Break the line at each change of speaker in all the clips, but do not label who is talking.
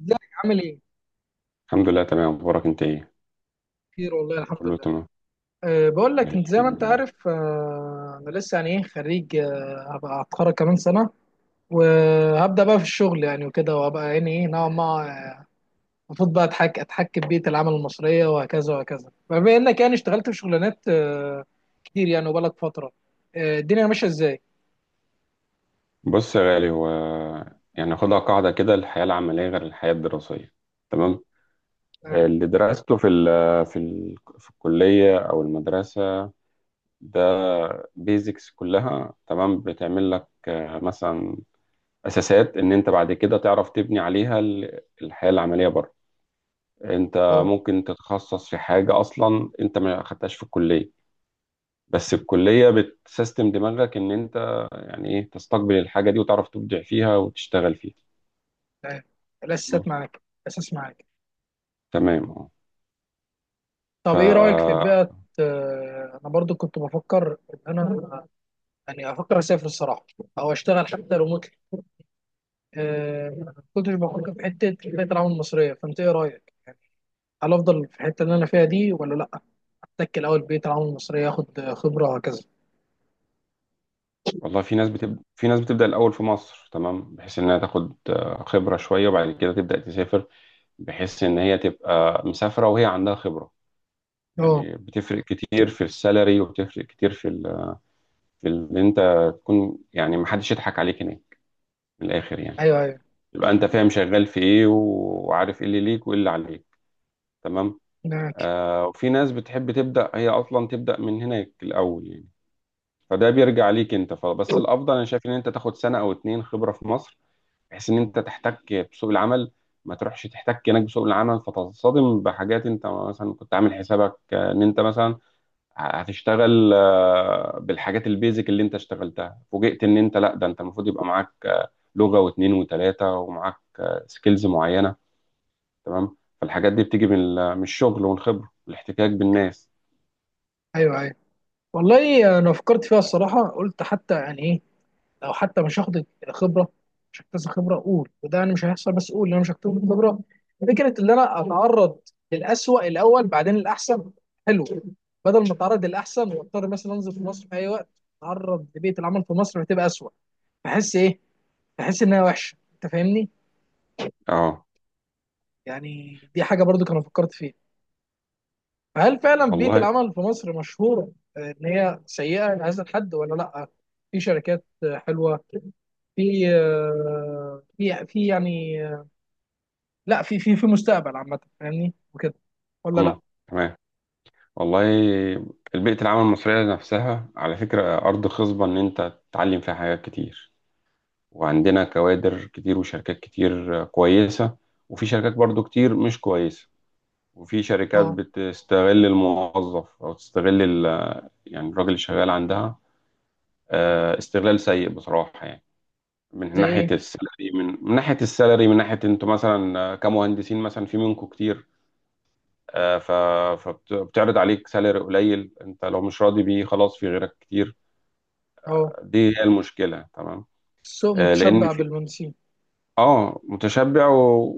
ازيك؟ عامل ايه؟
الحمد لله، تمام. اخبارك انت ايه؟
خير والله الحمد
كله
لله.
تمام.
بقول لك انت زي ما
الحمد
انت
لله.
عارف، انا لسه يعني خريج، أه هبقى هتخرج كمان سنه وهبدا بقى في الشغل يعني وكده، وهبقى يعني ايه نوعا ما المفروض بقى اتحكم بيئه العمل المصريه وهكذا وهكذا. فبما انك يعني اشتغلت في شغلانات كتير يعني وبقالك فتره، الدنيا ماشيه ازاي؟
بص يا غالي، هو يعني ناخدها قاعده كده، الحياه العمليه غير الحياه الدراسيه، تمام.
معاك.
اللي درسته في الكليه او المدرسه ده بيزكس كلها تمام، بتعمل لك مثلا اساسات ان انت بعد كده تعرف تبني عليها الحياه العمليه بره. انت
اه
ممكن تتخصص في حاجه اصلا انت ما خدتهاش في الكليه، بس الكلية بتسيستم دماغك إن أنت يعني إيه تستقبل الحاجة دي وتعرف تبدع فيها وتشتغل فيها.
تمام.
مم.
الاساسات معاك. الاساس معاك.
تمام، أه. ف
طب ايه رايك في بيئه؟ انا برضو كنت بفكر ان انا يعني افكر اسافر الصراحه، او اشتغل حتى ريموتلي. ما كنتش بفكر في حته البيئه العمل المصريه، فانت ايه رايك يعني؟ هل افضل في الحته اللي انا فيها دي ولا لا؟ اتكل اول بيئه العمل المصريه، اخد خبره وهكذا.
والله، في ناس بتبدأ الأول في مصر، تمام، بحيث إنها تاخد خبرة شوية وبعد كده تبدأ تسافر، بحيث إن هي تبقى مسافرة وهي عندها خبرة.
اه،
يعني بتفرق كتير في السالري وبتفرق كتير في إن أنت تكون يعني محدش يضحك عليك هناك، من الآخر يعني،
ايوه ايوه،
يبقى أنت فاهم شغال في إيه وعارف إيه اللي ليك وإيه اللي عليك، تمام.
معاك.
وفي ناس بتحب تبدأ هي أصلا تبدأ من هناك الأول يعني، فده بيرجع ليك أنت. فبس الأفضل أنا شايف إن أنت تاخد سنة أو اتنين خبرة في مصر، بحيث إن أنت تحتك بسوق العمل، ما تروحش تحتك هناك بسوق العمل فتصطدم بحاجات أنت مثلا كنت عامل حسابك إن أنت مثلا هتشتغل بالحاجات البيزك، اللي أنت اشتغلتها فوجئت إن أنت لأ، ده أنت المفروض يبقى معاك لغة واتنين وتلاتة، ومعاك سكيلز معينة، تمام. فالحاجات دي بتيجي من الشغل والخبرة والاحتكاك بالناس.
ايوه ايوه، والله انا فكرت فيها الصراحه، قلت حتى يعني ايه، لو حتى مش هاخد خبره، مش هكتسب خبره، اقول وده انا مش هيحصل، بس اقول ان انا مش هكتسب خبره، فكره ان انا اتعرض للأسوأ الاول بعدين الاحسن، حلو، بدل ما اتعرض للاحسن واضطر مثلا انزل في مصر في اي وقت اتعرض لبيئه العمل في مصر فتبقى أسوأ. بحس ايه، بحس انها وحشه، انت فاهمني؟
اه،
يعني دي حاجه برضو كنا فكرت فيها. فهل فعلا بيئه
والله.
العمل في مصر مشهوره آه، ان هي سيئه لهذا الحد ولا لا؟ في شركات آه، حلوه؟ في آه، في يعني، لا في في مستقبل عامة، فاهمني وكده، ولا لا؟
امم. تمام. والله، البيئة العمل المصرية نفسها على فكرة أرض خصبة إن أنت تتعلم فيها حاجات كتير، وعندنا كوادر كتير وشركات كتير كويسة، وفي شركات برضو كتير مش كويسة، وفي شركات
اه،
بتستغل الموظف أو تستغل يعني الراجل اللي شغال عندها استغلال سيء بصراحة يعني، من
زي
ناحية
ايه؟
السالري من من ناحية السالري من ناحية أنتوا مثلا كمهندسين، مثلا في منكم كتير. آه، ف- فبتعرض عليك سالري قليل، انت لو مش راضي بيه خلاص في غيرك كتير.
اه،
دي هي المشكله، تمام.
السوق
لان
متشبع
في،
بالمنسيين.
اه متشبع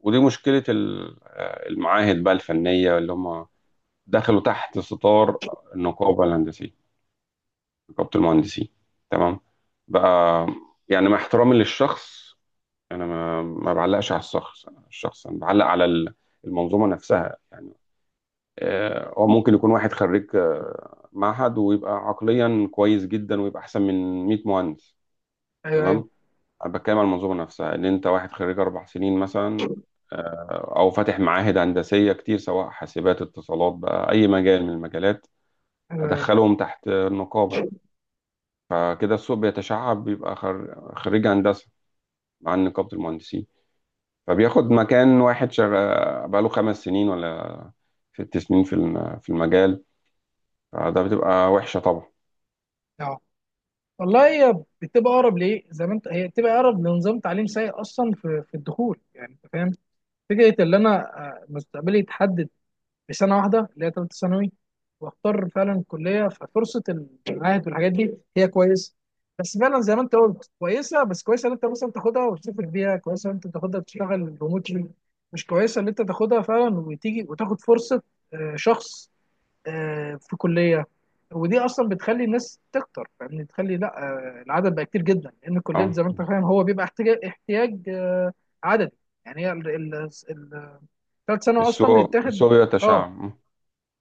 ودي مشكله المعاهد بقى الفنيه، اللي هم دخلوا تحت ستار النقابه الهندسيه، نقابه المهندسين، تمام. بقى، يعني مع احترامي للشخص، انا ما بعلقش على الشخص، الشخص انا بعلق على المنظومه نفسها يعني. هو ممكن يكون واحد خريج معهد ويبقى عقليا كويس جدا، ويبقى احسن من 100 مهندس،
ايوه ايوه.
تمام. انا بتكلم على المنظومه نفسها، ان انت واحد خريج اربع سنين مثلا، او فاتح معاهد هندسيه كتير، سواء حاسبات، اتصالات، بقى اي مجال من المجالات،
ايوه ايوه.
ادخلهم تحت النقابه. فكده السوق بيتشعب، بيبقى خريج هندسه مع نقابه المهندسين، فبياخد مكان واحد شغال بقاله خمس سنين ولا ست سنين في المجال. فده بتبقى وحشه طبعا.
اه، والله هي بتبقى اقرب ليه زي ما انت، هي بتبقى اقرب لنظام تعليم سيء اصلا في الدخول يعني، انت فاهم؟ فكره ان انا آه، مستقبلي يتحدد بسنه واحده اللي هي ثالثه ثانوي، واختار فعلا الكليه ففرصه. المعاهد والحاجات دي هي كويسه، بس فعلا زي ما انت قلت كويسه، بس كويسه ان انت مثلا تاخدها وتسافر بيها، كويسه ان انت تاخدها وتشتغل ريموتلي، مش كويسه ان انت تاخدها فعلا وتيجي وتاخد فرصه آه، شخص آه، في كليه. ودي اصلا بتخلي الناس تكتر، فاهمني؟ بتخلي لا آه، العدد بقى كتير جدا، لان الكليات
اه.
زي ما انت فاهم هو بيبقى احتياج آه، عددي. يعني هي ال- الثالث ثانوي اصلا
السوق
بيتاخد.
السوق
اه،
يتشعب. مم.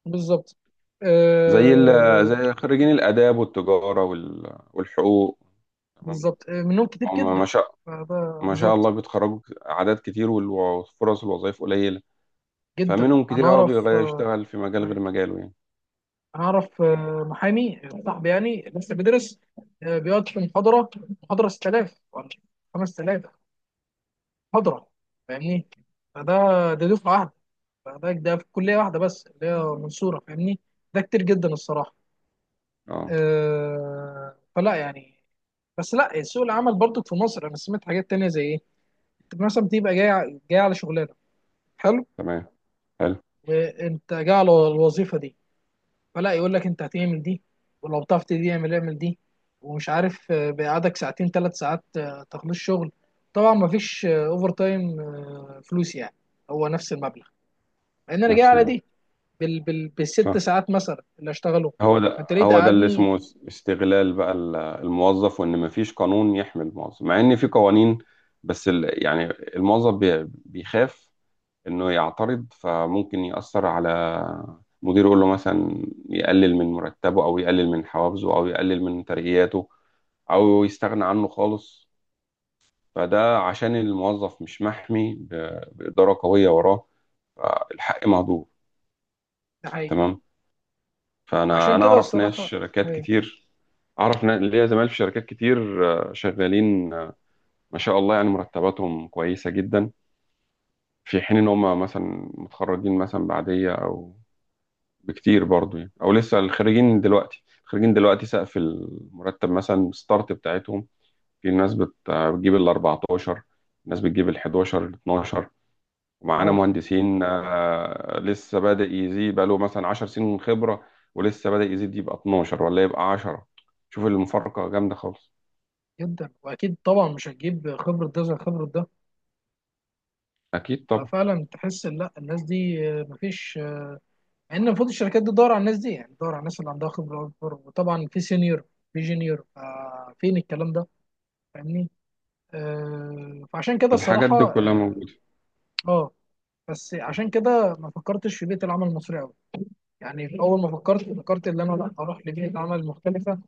بالظبط.
زي ال...
آه،
زي خريجين الآداب والتجارة والحقوق، تمام.
بالظبط آه، منهم كتير
هم ما
جدا،
شاء
فده
ما شاء
بالظبط.
الله بيتخرجوا أعداد كتير، وفرص الوظائف قليلة،
جدا،
فمنهم
انا
كتير قوي
اعرف
بيغير
آه،
يشتغل في مجال غير
معاك.
مجاله يعني.
انا اعرف آه، محامي صاحبي يعني لسه بيدرس، آه، بيقعد في محاضره، محاضره 6000 ولا 5000 محاضره، فاهمني؟ فده، ده دفعه واحده، فده ده في كليه واحده بس اللي هي منصوره، فاهمني؟ ده كتير جدا الصراحه.
اه.
آه، فلا يعني. بس لا، سوق العمل برضو في مصر انا سمعت حاجات تانية. زي ايه؟ انت مثلا بتبقى جاي على شغلانه، حلو،
تمام. حلو.
وانت جاي على الوظيفه دي، فلا يقول لك انت هتعمل دي، ولو بتعرف دي اعمل، اعمل دي، ومش عارف آه، بيقعدك ساعتين ثلاث ساعات آه، تخلص شغل، طبعا ما فيش اوفر تايم آه، فلوس يعني، هو نفس المبلغ، لان انا جاي
نفس
على
المعنى.
دي بالست
صح.
ساعات مثلا اللي اشتغله.
هو ده
انت ليه
هو ده اللي
تقعدني؟
اسمه استغلال بقى الموظف، وان مفيش قانون يحمي الموظف مع ان في قوانين، بس يعني الموظف بيخاف انه يعترض، فممكن يأثر على مديره، يقول له مثلا يقلل من مرتبه او يقلل من حوافزه او يقلل من ترقياته، او يستغنى عنه خالص. فده عشان الموظف مش محمي بإدارة قوية وراه، فالحق مهدور،
ده حقيقي.
تمام. فانا
فعشان
انا
كده
اعرف ناس
الصراحه
شركات
ايوه.
كتير، اعرف ليا زمايل في شركات كتير، شغالين، ما شاء الله، يعني مرتباتهم كويسة جدا، في حين ان هم مثلا متخرجين مثلا بعدية او بكتير برضو يعني، او لسه الخريجين دلوقتي سقف المرتب مثلا، الستارت بتاعتهم، في ناس بتجيب ال 14، ناس بتجيب ال 11 ال 12، ومعانا
اه،
مهندسين لسه بادئ يزيد بقاله مثلا 10 سنين خبرة، ولسه بادئ يزيد يبقى 12 ولا يبقى 10. شوف المفارقة جامدة خالص.
جدا، واكيد طبعا مش هتجيب خبره ده زي خبره ده.
اكيد طبعا.
ففعلا تحس ان لا، الناس دي آه، مفيش آه، مع ان المفروض الشركات دي تدور على الناس دي، يعني تدور على الناس اللي عندها خبره اكبر، وطبعا في سينيور في جونيور آه، فين الكلام ده، فاهمني؟ آه، فعشان كده
الحاجات
الصراحه
دي كلها
اه،
موجودة.
آه، بس عشان كده ما فكرتش في بيئه العمل المصريه قوي. يعني في اول ما فكرت، فكرت ان انا لا اروح لبيئه عمل مختلفه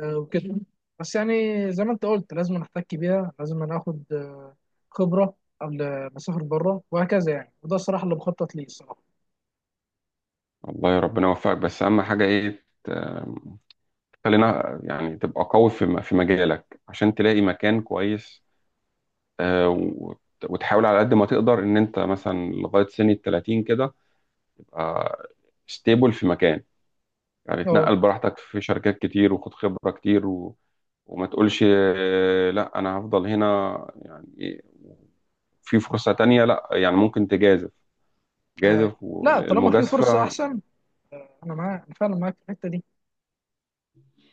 آه، وكده، بس يعني زي ما انت قلت لازم نحتك بيها، لازم ناخد آه، خبره قبل ما اسافر بره وهكذا، يعني وده الصراحه اللي بخطط ليه الصراحه.
الله، يا ربنا يوفقك. بس اهم حاجة ايه، خلينا يعني تبقى قوي في مجالك عشان تلاقي مكان كويس، آه، وت- وتحاول على قد ما تقدر ان انت مثلا لغايه سن ال 30 كده تبقى ستيبل في مكان. يعني
اه،
تنقل براحتك في شركات كتير، وخد خبره كتير، وما تقولش لا انا هفضل هنا. يعني إيه، في فرصه تانية، لا يعني ممكن تجازف،
آه،
جازف.
لا طالما في فرصه
والمجازفه،
احسن، انا معاك، انا فعلا معاك في الحته دي،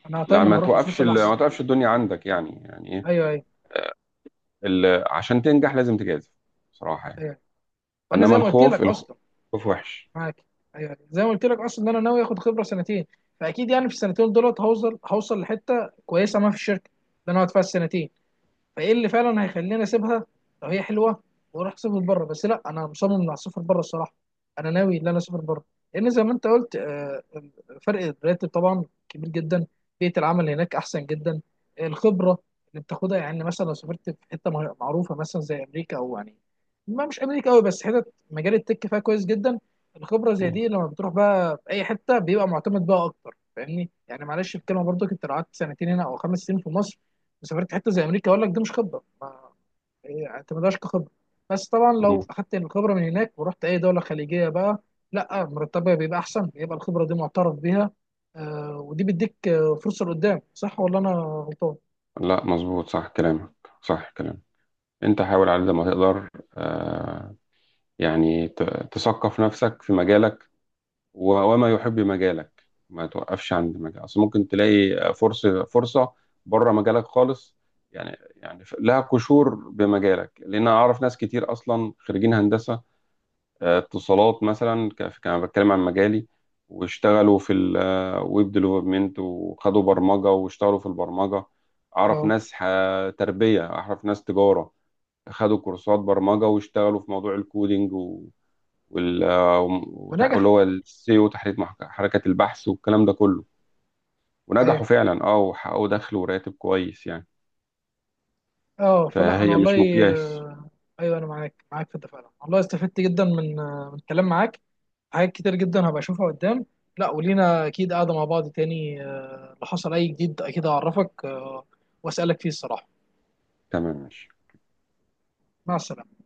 انا
لا
دايما هروح للفرصه الاحسن.
ما توقفش الدنيا عندك يعني، يعني ايه،
ايوه ايوه.
عشان تنجح لازم تجازف، بصراحه يعني.
ايوه، وانا زي
انما
ما قلت
الخوف،
لك اصلا،
الخوف وحش.
معاك. ايوه أيوه. زي ما قلت لك اصلا ان انا ناوي اخد خبره سنتين، فاكيد يعني في السنتين دولت هوصل لحته كويسه، ما في الشركه اللي انا اقعد فيها السنتين فايه اللي فعلا هيخليني اسيبها لو هي حلوه واروح اسافر بره، بس لا انا مصمم اني اسافر بره الصراحه. انا ناوي ان انا اسافر بره، لان زي ما انت قلت آه، آه، فرق الراتب طبعا كبير جدا، بيئه العمل هناك احسن جدا، الخبره اللي بتاخدها يعني مثلا لو سافرت في حته معروفه مثلا زي امريكا، او يعني ما مش امريكا قوي بس حتت مجال التك فيها كويس جدا. الخبره زي
مم.
دي لما بتروح بقى في اي حته بيبقى معتمد بقى اكتر، فاهمني؟ يعني معلش الكلمه، برضو كنت لو قعدت سنتين هنا او خمس سنين في مصر سافرت حته زي امريكا، اقول لك دي مش خبره، ما هي اعتمدهاش كخبره. بس طبعا
مم.
لو اخدت الخبره من هناك ورحت اي دوله خليجيه بقى، لا مرتبها بيبقى احسن، بيبقى الخبره دي معترف بيها آه، ودي بيديك آه، فرصه لقدام. صح ولا انا غلطان؟
لا مظبوط، صح كلامك، صح كلامك. انت حاول على قد ما تقدر، آه، يعني تثقف نفسك في مجالك، وما يحب مجالك ما توقفش عند مجال، اصل ممكن تلاقي فرصة، فرصة بره مجالك خالص يعني لها قشور بمجالك، لان انا اعرف ناس كتير اصلا خريجين هندسة، اتصالات مثلا، كان بتكلم عن مجالي، واشتغلوا في الويب ديفلوبمنت، وخدوا برمجة واشتغلوا في البرمجة. اعرف
اه،
ناس تربية، اعرف ناس تجارة، خدوا كورسات برمجة واشتغلوا في موضوع الكودينج وال... واللي
ونجح.
هو السيو، حركة البحث والكلام ده كله، ونجحوا
ايوه.
فعلا، وحققوا دخل وراتب كويس يعني،
اه، فلا انا
فهي مش
والله
مقياس.
آه، ايوه انا معاك، معاك في ده فعلا، والله استفدت جدا من آه من الكلام معاك، حاجات كتير جدا هبقى اشوفها قدام. لا ولينا اكيد قاعده مع بعض تاني آه، لو حصل اي جديد اكيد هعرفك آه، واسالك فيه الصراحه.
تمام، ماشي.
مع السلامة.